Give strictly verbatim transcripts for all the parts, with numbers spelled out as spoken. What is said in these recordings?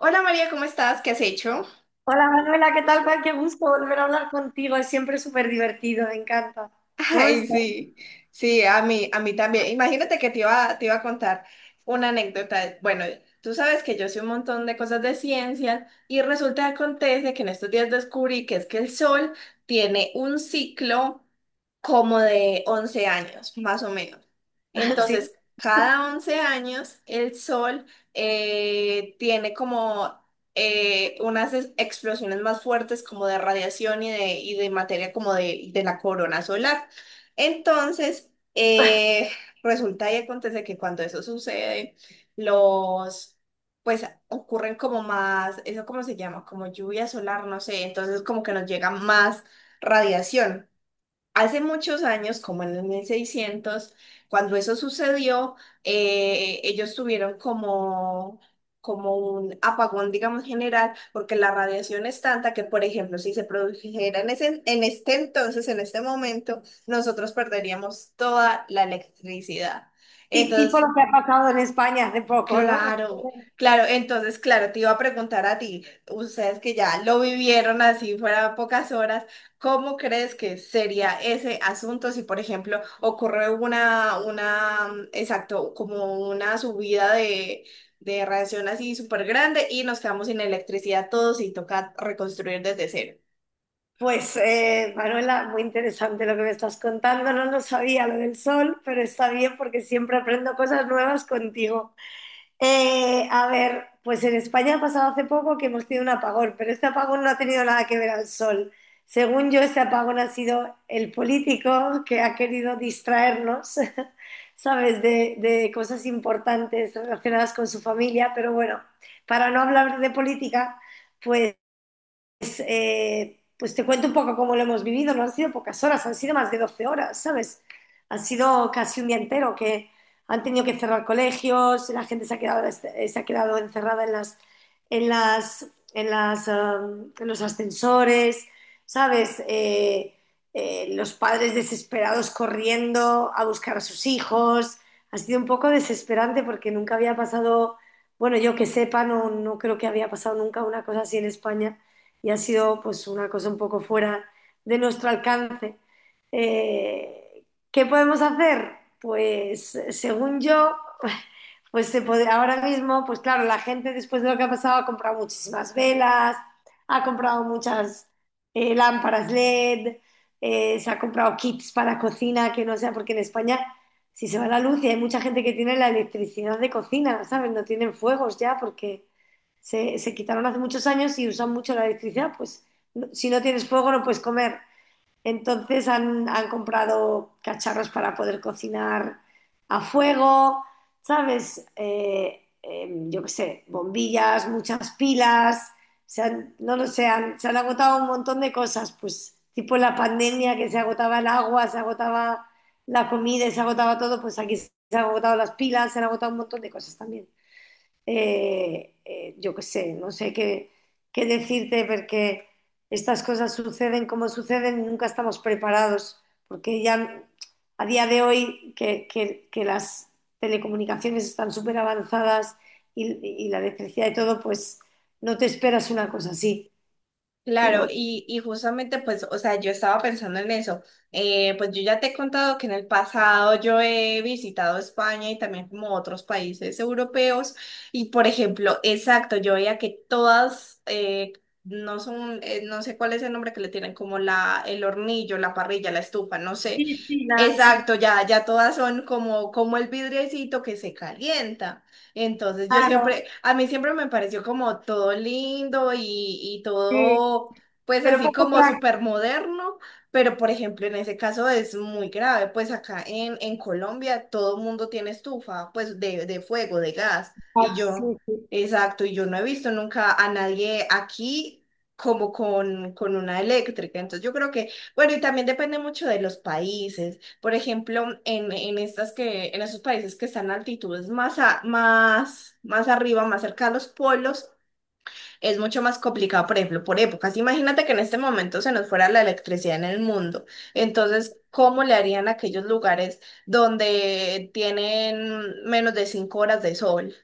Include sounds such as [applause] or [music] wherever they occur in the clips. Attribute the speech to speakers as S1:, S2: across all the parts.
S1: Hola María, ¿cómo estás? ¿Qué has hecho?
S2: Hola Manuela, ¿qué tal? Juan? Qué gusto volver a hablar contigo, es siempre súper divertido, me encanta.
S1: [laughs]
S2: ¿Cómo
S1: Ay,
S2: estás?
S1: sí, sí, a mí, a mí también. Imagínate que te iba, te iba a contar una anécdota. Bueno, tú sabes que yo sé un montón de cosas de ciencia y resulta que acontece que en estos días descubrí que es que el sol tiene un ciclo como de once años, más o menos.
S2: [laughs] Sí,
S1: Entonces, cada once años el sol eh, tiene como eh, unas es- explosiones más fuertes como de radiación y de, y de materia como de, de la corona solar. Entonces, eh, resulta y acontece que cuando eso sucede, los... pues ocurren como más, eso cómo se llama, como lluvia solar, no sé, entonces como que nos llega más radiación. Hace muchos años, como en el mil seiscientos, cuando eso sucedió, eh, ellos tuvieron como, como un apagón, digamos, general, porque la radiación es tanta que, por ejemplo, si se produjera en ese, en este entonces, en este momento, nosotros perderíamos toda la electricidad.
S2: sí, tipo lo
S1: Entonces,
S2: que ha pasado en España hace poco, ¿no?
S1: claro, claro, entonces, claro, te iba a preguntar a ti, ustedes que ya lo vivieron así fuera pocas horas, ¿cómo crees que sería ese asunto si, por ejemplo, ocurre una, una, mm, exacto, como una subida de, de radiación así súper grande y nos quedamos sin electricidad todos y toca reconstruir desde cero?
S2: Pues eh, Manuela, muy interesante lo que me estás contando, no lo sabía lo del sol, pero está bien porque siempre aprendo cosas nuevas contigo. Eh, a ver, pues en España ha pasado hace poco que hemos tenido un apagón, pero este apagón no ha tenido nada que ver al sol. Según yo, este apagón ha sido el político que ha querido distraernos, [laughs] ¿sabes?, de, de cosas importantes relacionadas con su familia, pero bueno, para no hablar de política, pues entonces, eh, pues te cuento un poco cómo lo hemos vivido. No han sido pocas horas, han sido más de doce horas, ¿sabes? Han sido casi un día entero que han tenido que cerrar colegios, la gente se ha quedado, se ha quedado encerrada en las, en las, en las, um, en los ascensores, ¿sabes? Eh, eh, los padres desesperados corriendo a buscar a sus hijos. Ha sido un poco desesperante porque nunca había pasado, bueno, yo que sepa, no, no creo que había pasado nunca una cosa así en España y ha sido pues una cosa un poco fuera de nuestro alcance. Eh, ¿Qué podemos hacer? Pues según yo, pues se puede- ahora mismo, pues claro, la gente después de lo que ha pasado ha comprado muchísimas velas, ha comprado muchas eh, lámparas L E D, eh, se ha comprado kits para cocina, que no sea porque en España si se va la luz y hay mucha gente que tiene la electricidad de cocina, ¿sabes? No tienen fuegos ya porque se, se quitaron hace muchos años y usan mucho la electricidad, pues no- si no tienes fuego no puedes comer. Entonces han, han comprado cacharros para poder cocinar a fuego, ¿sabes? Eh, eh, yo qué sé, bombillas, muchas pilas, se han- no lo sé, han- se han agotado un montón de cosas, pues tipo en la pandemia que se agotaba el agua, se agotaba la comida y se agotaba todo, pues aquí se han agotado las pilas, se han agotado un montón de cosas también eh, eh, yo qué sé, no sé qué, qué decirte porque estas cosas suceden como suceden y nunca estamos preparados, porque ya a día de hoy que, que- que las telecomunicaciones están súper avanzadas y, y la electricidad y todo, pues no te esperas una cosa así,
S1: Claro,
S2: pero...
S1: y, y justamente pues, o sea, yo estaba pensando en eso. Eh, pues yo ya te he contado que en el pasado yo he visitado España y también como otros países europeos y por ejemplo, exacto, yo veía que todas, eh, no son, eh, no sé cuál es el nombre que le tienen, como la, el hornillo, la parrilla, la estufa, no sé.
S2: Sí, sí, la- sí,
S1: Exacto, ya, ya todas son como, como el vidriecito que se calienta. Entonces yo
S2: claro,
S1: siempre, a mí siempre me pareció como todo lindo y, y
S2: sí,
S1: todo, pues
S2: pero
S1: así
S2: poco
S1: como
S2: práctica,
S1: súper moderno, pero por ejemplo en ese caso es muy grave, pues acá en, en Colombia todo el mundo tiene estufa, pues de, de fuego, de gas, y yo,
S2: sí, sí.
S1: exacto, y yo no he visto nunca a nadie aquí como con, con una eléctrica, entonces yo creo que, bueno, y también depende mucho de los países. Por ejemplo, en, en estas que, en esos países que están a altitudes más, a- más, más arriba, más cerca a los polos, es mucho más complicado, por ejemplo, por épocas. Imagínate que en este momento se nos fuera la electricidad en el mundo. Entonces, ¿cómo le harían a aquellos lugares donde tienen menos de cinco horas de sol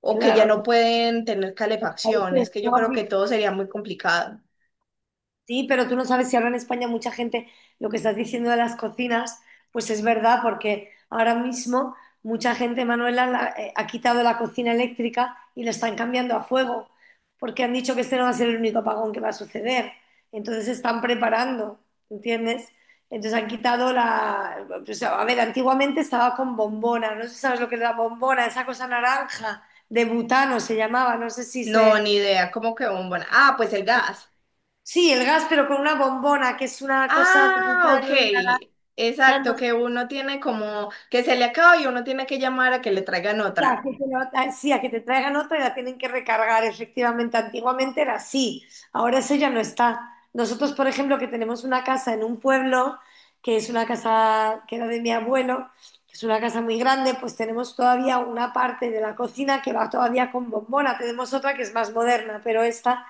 S1: o que ya
S2: Claro,
S1: no pueden tener
S2: los
S1: calefacción?
S2: países
S1: Es que yo creo que
S2: nórdicos.
S1: todo sería muy complicado.
S2: Sí, pero tú no sabes si ahora en España mucha gente, lo que estás diciendo de las cocinas, pues es verdad, porque ahora mismo mucha gente, Manuela, la- eh, ha quitado la cocina eléctrica y la están cambiando a fuego, porque han dicho que este no va a ser el único apagón que va a suceder. Entonces se están preparando, ¿entiendes? Entonces han quitado la... o sea, a ver, antiguamente estaba con bombona, no sé si sabes lo que es la bombona, esa cosa naranja de butano se llamaba, no sé si
S1: No,
S2: se...
S1: ni idea, como que bombón. Ah, pues el gas.
S2: Sí, el gas, pero con una bombona, que es una cosa de
S1: Ah, ok.
S2: butano, naranja,
S1: Exacto,
S2: no sé,
S1: que uno tiene como que se le acaba y uno tiene que llamar a que le traigan
S2: a
S1: otra.
S2: que te lo- a- sí, a que te traigan otra y la tienen que recargar, efectivamente. Antiguamente era así, ahora eso ya no está. Nosotros, por ejemplo, que tenemos una casa en un pueblo, que es una casa que era de mi abuelo, que es una casa muy grande, pues tenemos todavía una parte de la cocina que va todavía con bombona. Tenemos otra que es más moderna, pero esta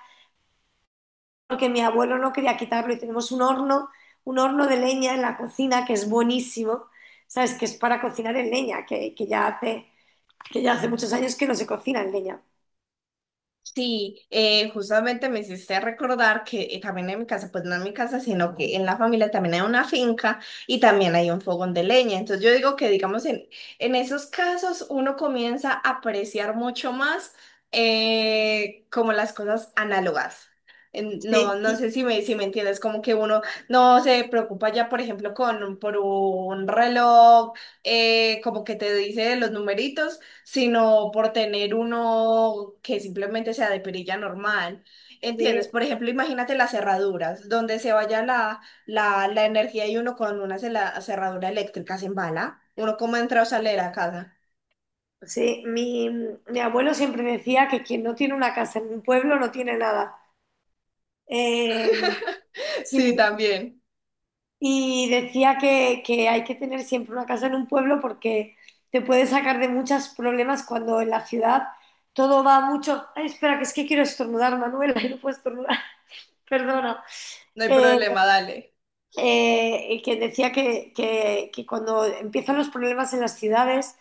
S2: porque mi abuelo no quería quitarlo y tenemos un horno, un horno de leña en la cocina que es buenísimo, ¿sabes? Que es para cocinar en leña, que, que ya hace, que ya hace muchos años que no se cocina en leña.
S1: Sí, eh, justamente me hiciste recordar que eh, también en mi casa, pues no en mi casa, sino que en la familia también hay una finca y también hay un fogón de leña. Entonces yo digo que, digamos, en, en esos casos uno comienza a apreciar mucho más eh, como las cosas análogas. En- No,
S2: Sí,
S1: no
S2: sí,
S1: sé si me, si me entiendes, como que uno no se preocupa ya, por ejemplo, con, por un reloj, eh, como que te dice los numeritos sino por tener uno que simplemente sea de perilla normal. ¿Entiendes?
S2: sí.
S1: Por ejemplo, imagínate las cerraduras, donde se vaya la, la, la energía y uno con una cela- cerradura eléctrica se embala. Uno como entra o sale de la casa. [laughs]
S2: Sí, mi, mi abuelo siempre decía que quien no tiene una casa en un pueblo no tiene nada. Eh,
S1: Sí,
S2: sí.
S1: también.
S2: Y decía que, que hay que tener siempre una casa en un pueblo porque te puede sacar de muchos problemas cuando en la ciudad todo va mucho. Ay, espera, que es que quiero estornudar, Manuela, [laughs] y no puedo estornudar, [laughs] perdona.
S1: No hay
S2: Eh,
S1: problema, dale.
S2: eh, que decía que, que- que cuando empiezan los problemas en las ciudades,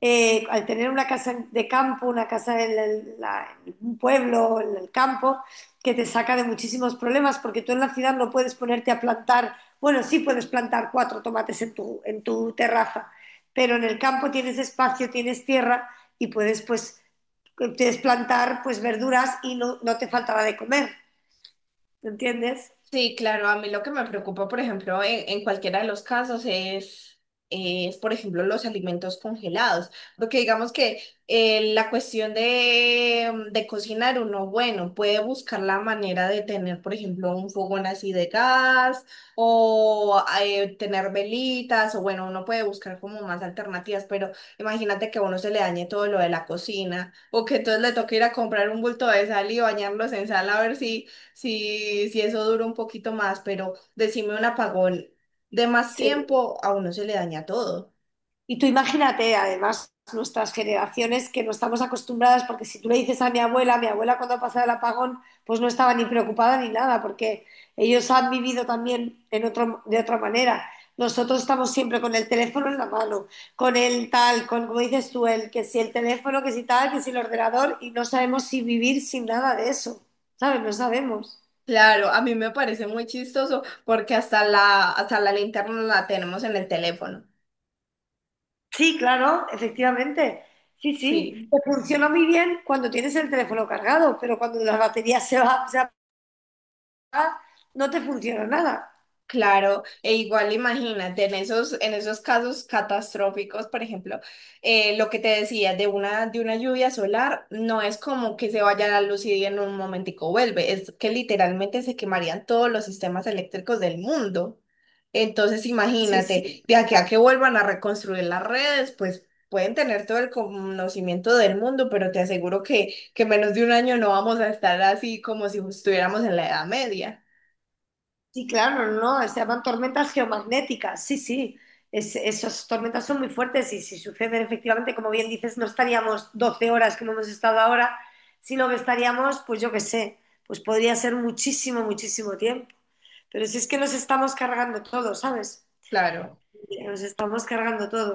S2: eh, al tener una casa de campo, una casa en, el- la- en un pueblo, en el campo, que te saca de muchísimos problemas, porque tú en la ciudad no puedes ponerte a plantar, bueno, sí puedes plantar cuatro tomates en tu, en tu terraza, pero en el campo tienes espacio, tienes tierra y puedes pues puedes plantar pues verduras y no, no te faltará de comer, ¿entiendes?
S1: Sí, claro, a mí lo que me preocupa, por ejemplo, en, en cualquiera de los casos es, es, por ejemplo, los alimentos congelados, porque digamos que eh, la cuestión de, mm, de cocinar uno, bueno, puede buscar la manera de tener, por ejemplo, un fogón así de gas o eh, tener velitas, o bueno, uno puede buscar como más alternativas, pero imagínate que a uno se le dañe todo lo de la cocina o que entonces le toque ir a comprar un bulto de sal y bañarlos en sal a ver si. Sí, sí, eso dura un poquito más, pero decime un apagón de más
S2: Sí.
S1: tiempo, a uno se le daña todo.
S2: Y tú imagínate, además, nuestras generaciones que no estamos acostumbradas, porque si tú le dices a mi abuela, mi abuela cuando ha pasado el apagón, pues no estaba ni preocupada ni nada, porque ellos han vivido también en otro, de otra manera. Nosotros estamos siempre con el teléfono en la mano, con el tal, con, como dices tú, el que si el teléfono, que si tal, que si el ordenador, y no sabemos si vivir sin nada de eso, ¿sabes? No sabemos.
S1: Claro, a mí me parece muy chistoso porque hasta la, hasta la linterna la tenemos en el teléfono.
S2: Sí, claro, efectivamente. Sí, sí.
S1: Sí.
S2: Te funciona muy bien cuando tienes el teléfono cargado, pero cuando la batería se va, se apaga, no te funciona nada.
S1: Claro, e igual imagínate, en esos, en esos casos catastróficos, por ejemplo, eh, lo que te decía de una, de una lluvia solar, no es como que se vaya la luz y en un momentico vuelve, es que literalmente se quemarían todos los sistemas eléctricos del mundo. Entonces
S2: Sí, sí.
S1: imagínate, de aquí a que vuelvan a reconstruir las redes, pues pueden tener todo el conocimiento del mundo, pero te aseguro que, que en menos de un año no vamos a estar así como si estuviéramos en la Edad Media.
S2: Sí, claro, no, no, se llaman tormentas geomagnéticas. Sí, sí. Es- esas tormentas son muy fuertes y si suceden efectivamente, como bien dices, no estaríamos doce horas como hemos estado ahora, sino que estaríamos, pues yo qué sé, pues podría ser muchísimo, muchísimo tiempo. Pero si es que nos estamos cargando todo, ¿sabes?
S1: Claro.
S2: Nos estamos cargando todo.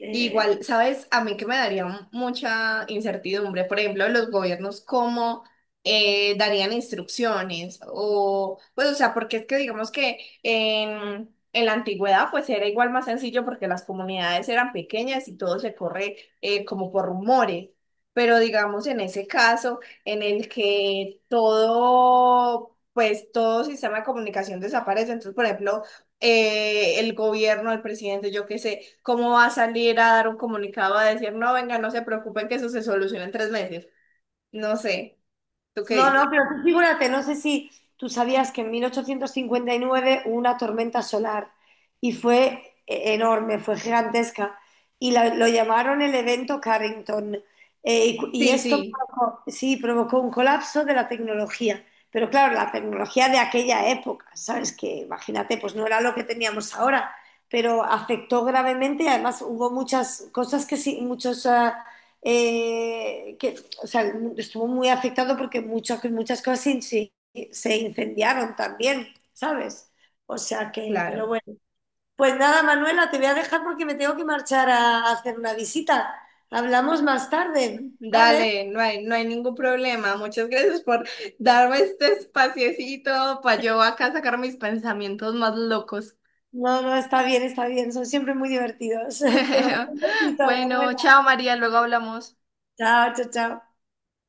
S2: Eh,
S1: Igual, ¿sabes? A mí que me daría m- mucha incertidumbre, por ejemplo, los gobiernos cómo eh, darían instrucciones o, pues, o sea, porque es que digamos que en, en la antigüedad pues era igual más sencillo porque las comunidades eran pequeñas y todo se corre eh, como por rumores, pero digamos en ese caso en el que todo, pues todo sistema de comunicación desaparece, entonces, por ejemplo, eh, el gobierno, el presidente, yo qué sé, cómo va a salir a dar un comunicado a decir, no, venga, no se preocupen que eso se soluciona en tres meses. No sé, ¿tú qué
S2: No,
S1: dices?
S2: no, pero tú figúrate, no sé si tú sabías que en mil ochocientos cincuenta y nueve hubo una tormenta solar y fue eh, enorme, fue gigantesca y la- lo llamaron el evento Carrington. Eh, y, cu- y
S1: Sí,
S2: esto
S1: sí,
S2: provocó, sí, provocó un colapso de la tecnología, pero claro, la tecnología de aquella época, ¿sabes? Que imagínate, pues no era lo que teníamos ahora, pero afectó gravemente y además hubo muchas cosas que sí, muchos... ah, eh, que, o sea, estuvo muy afectado porque muchas, muchas cosas se inci- se incendiaron también, ¿sabes? O sea que, pero
S1: claro.
S2: bueno. Pues nada, Manuela, te voy a dejar porque me tengo que marchar a hacer una visita. Hablamos más tarde, ¿vale?
S1: Dale, no hay, no hay ningún problema. Muchas gracias por darme este espaciecito para yo acá sacar mis pensamientos más locos.
S2: No, no, está bien, está bien. Son siempre muy divertidos. [laughs] Te mando un
S1: [laughs]
S2: besito,
S1: Bueno,
S2: Manuela.
S1: chao María, luego hablamos.
S2: Chao, chao, chao.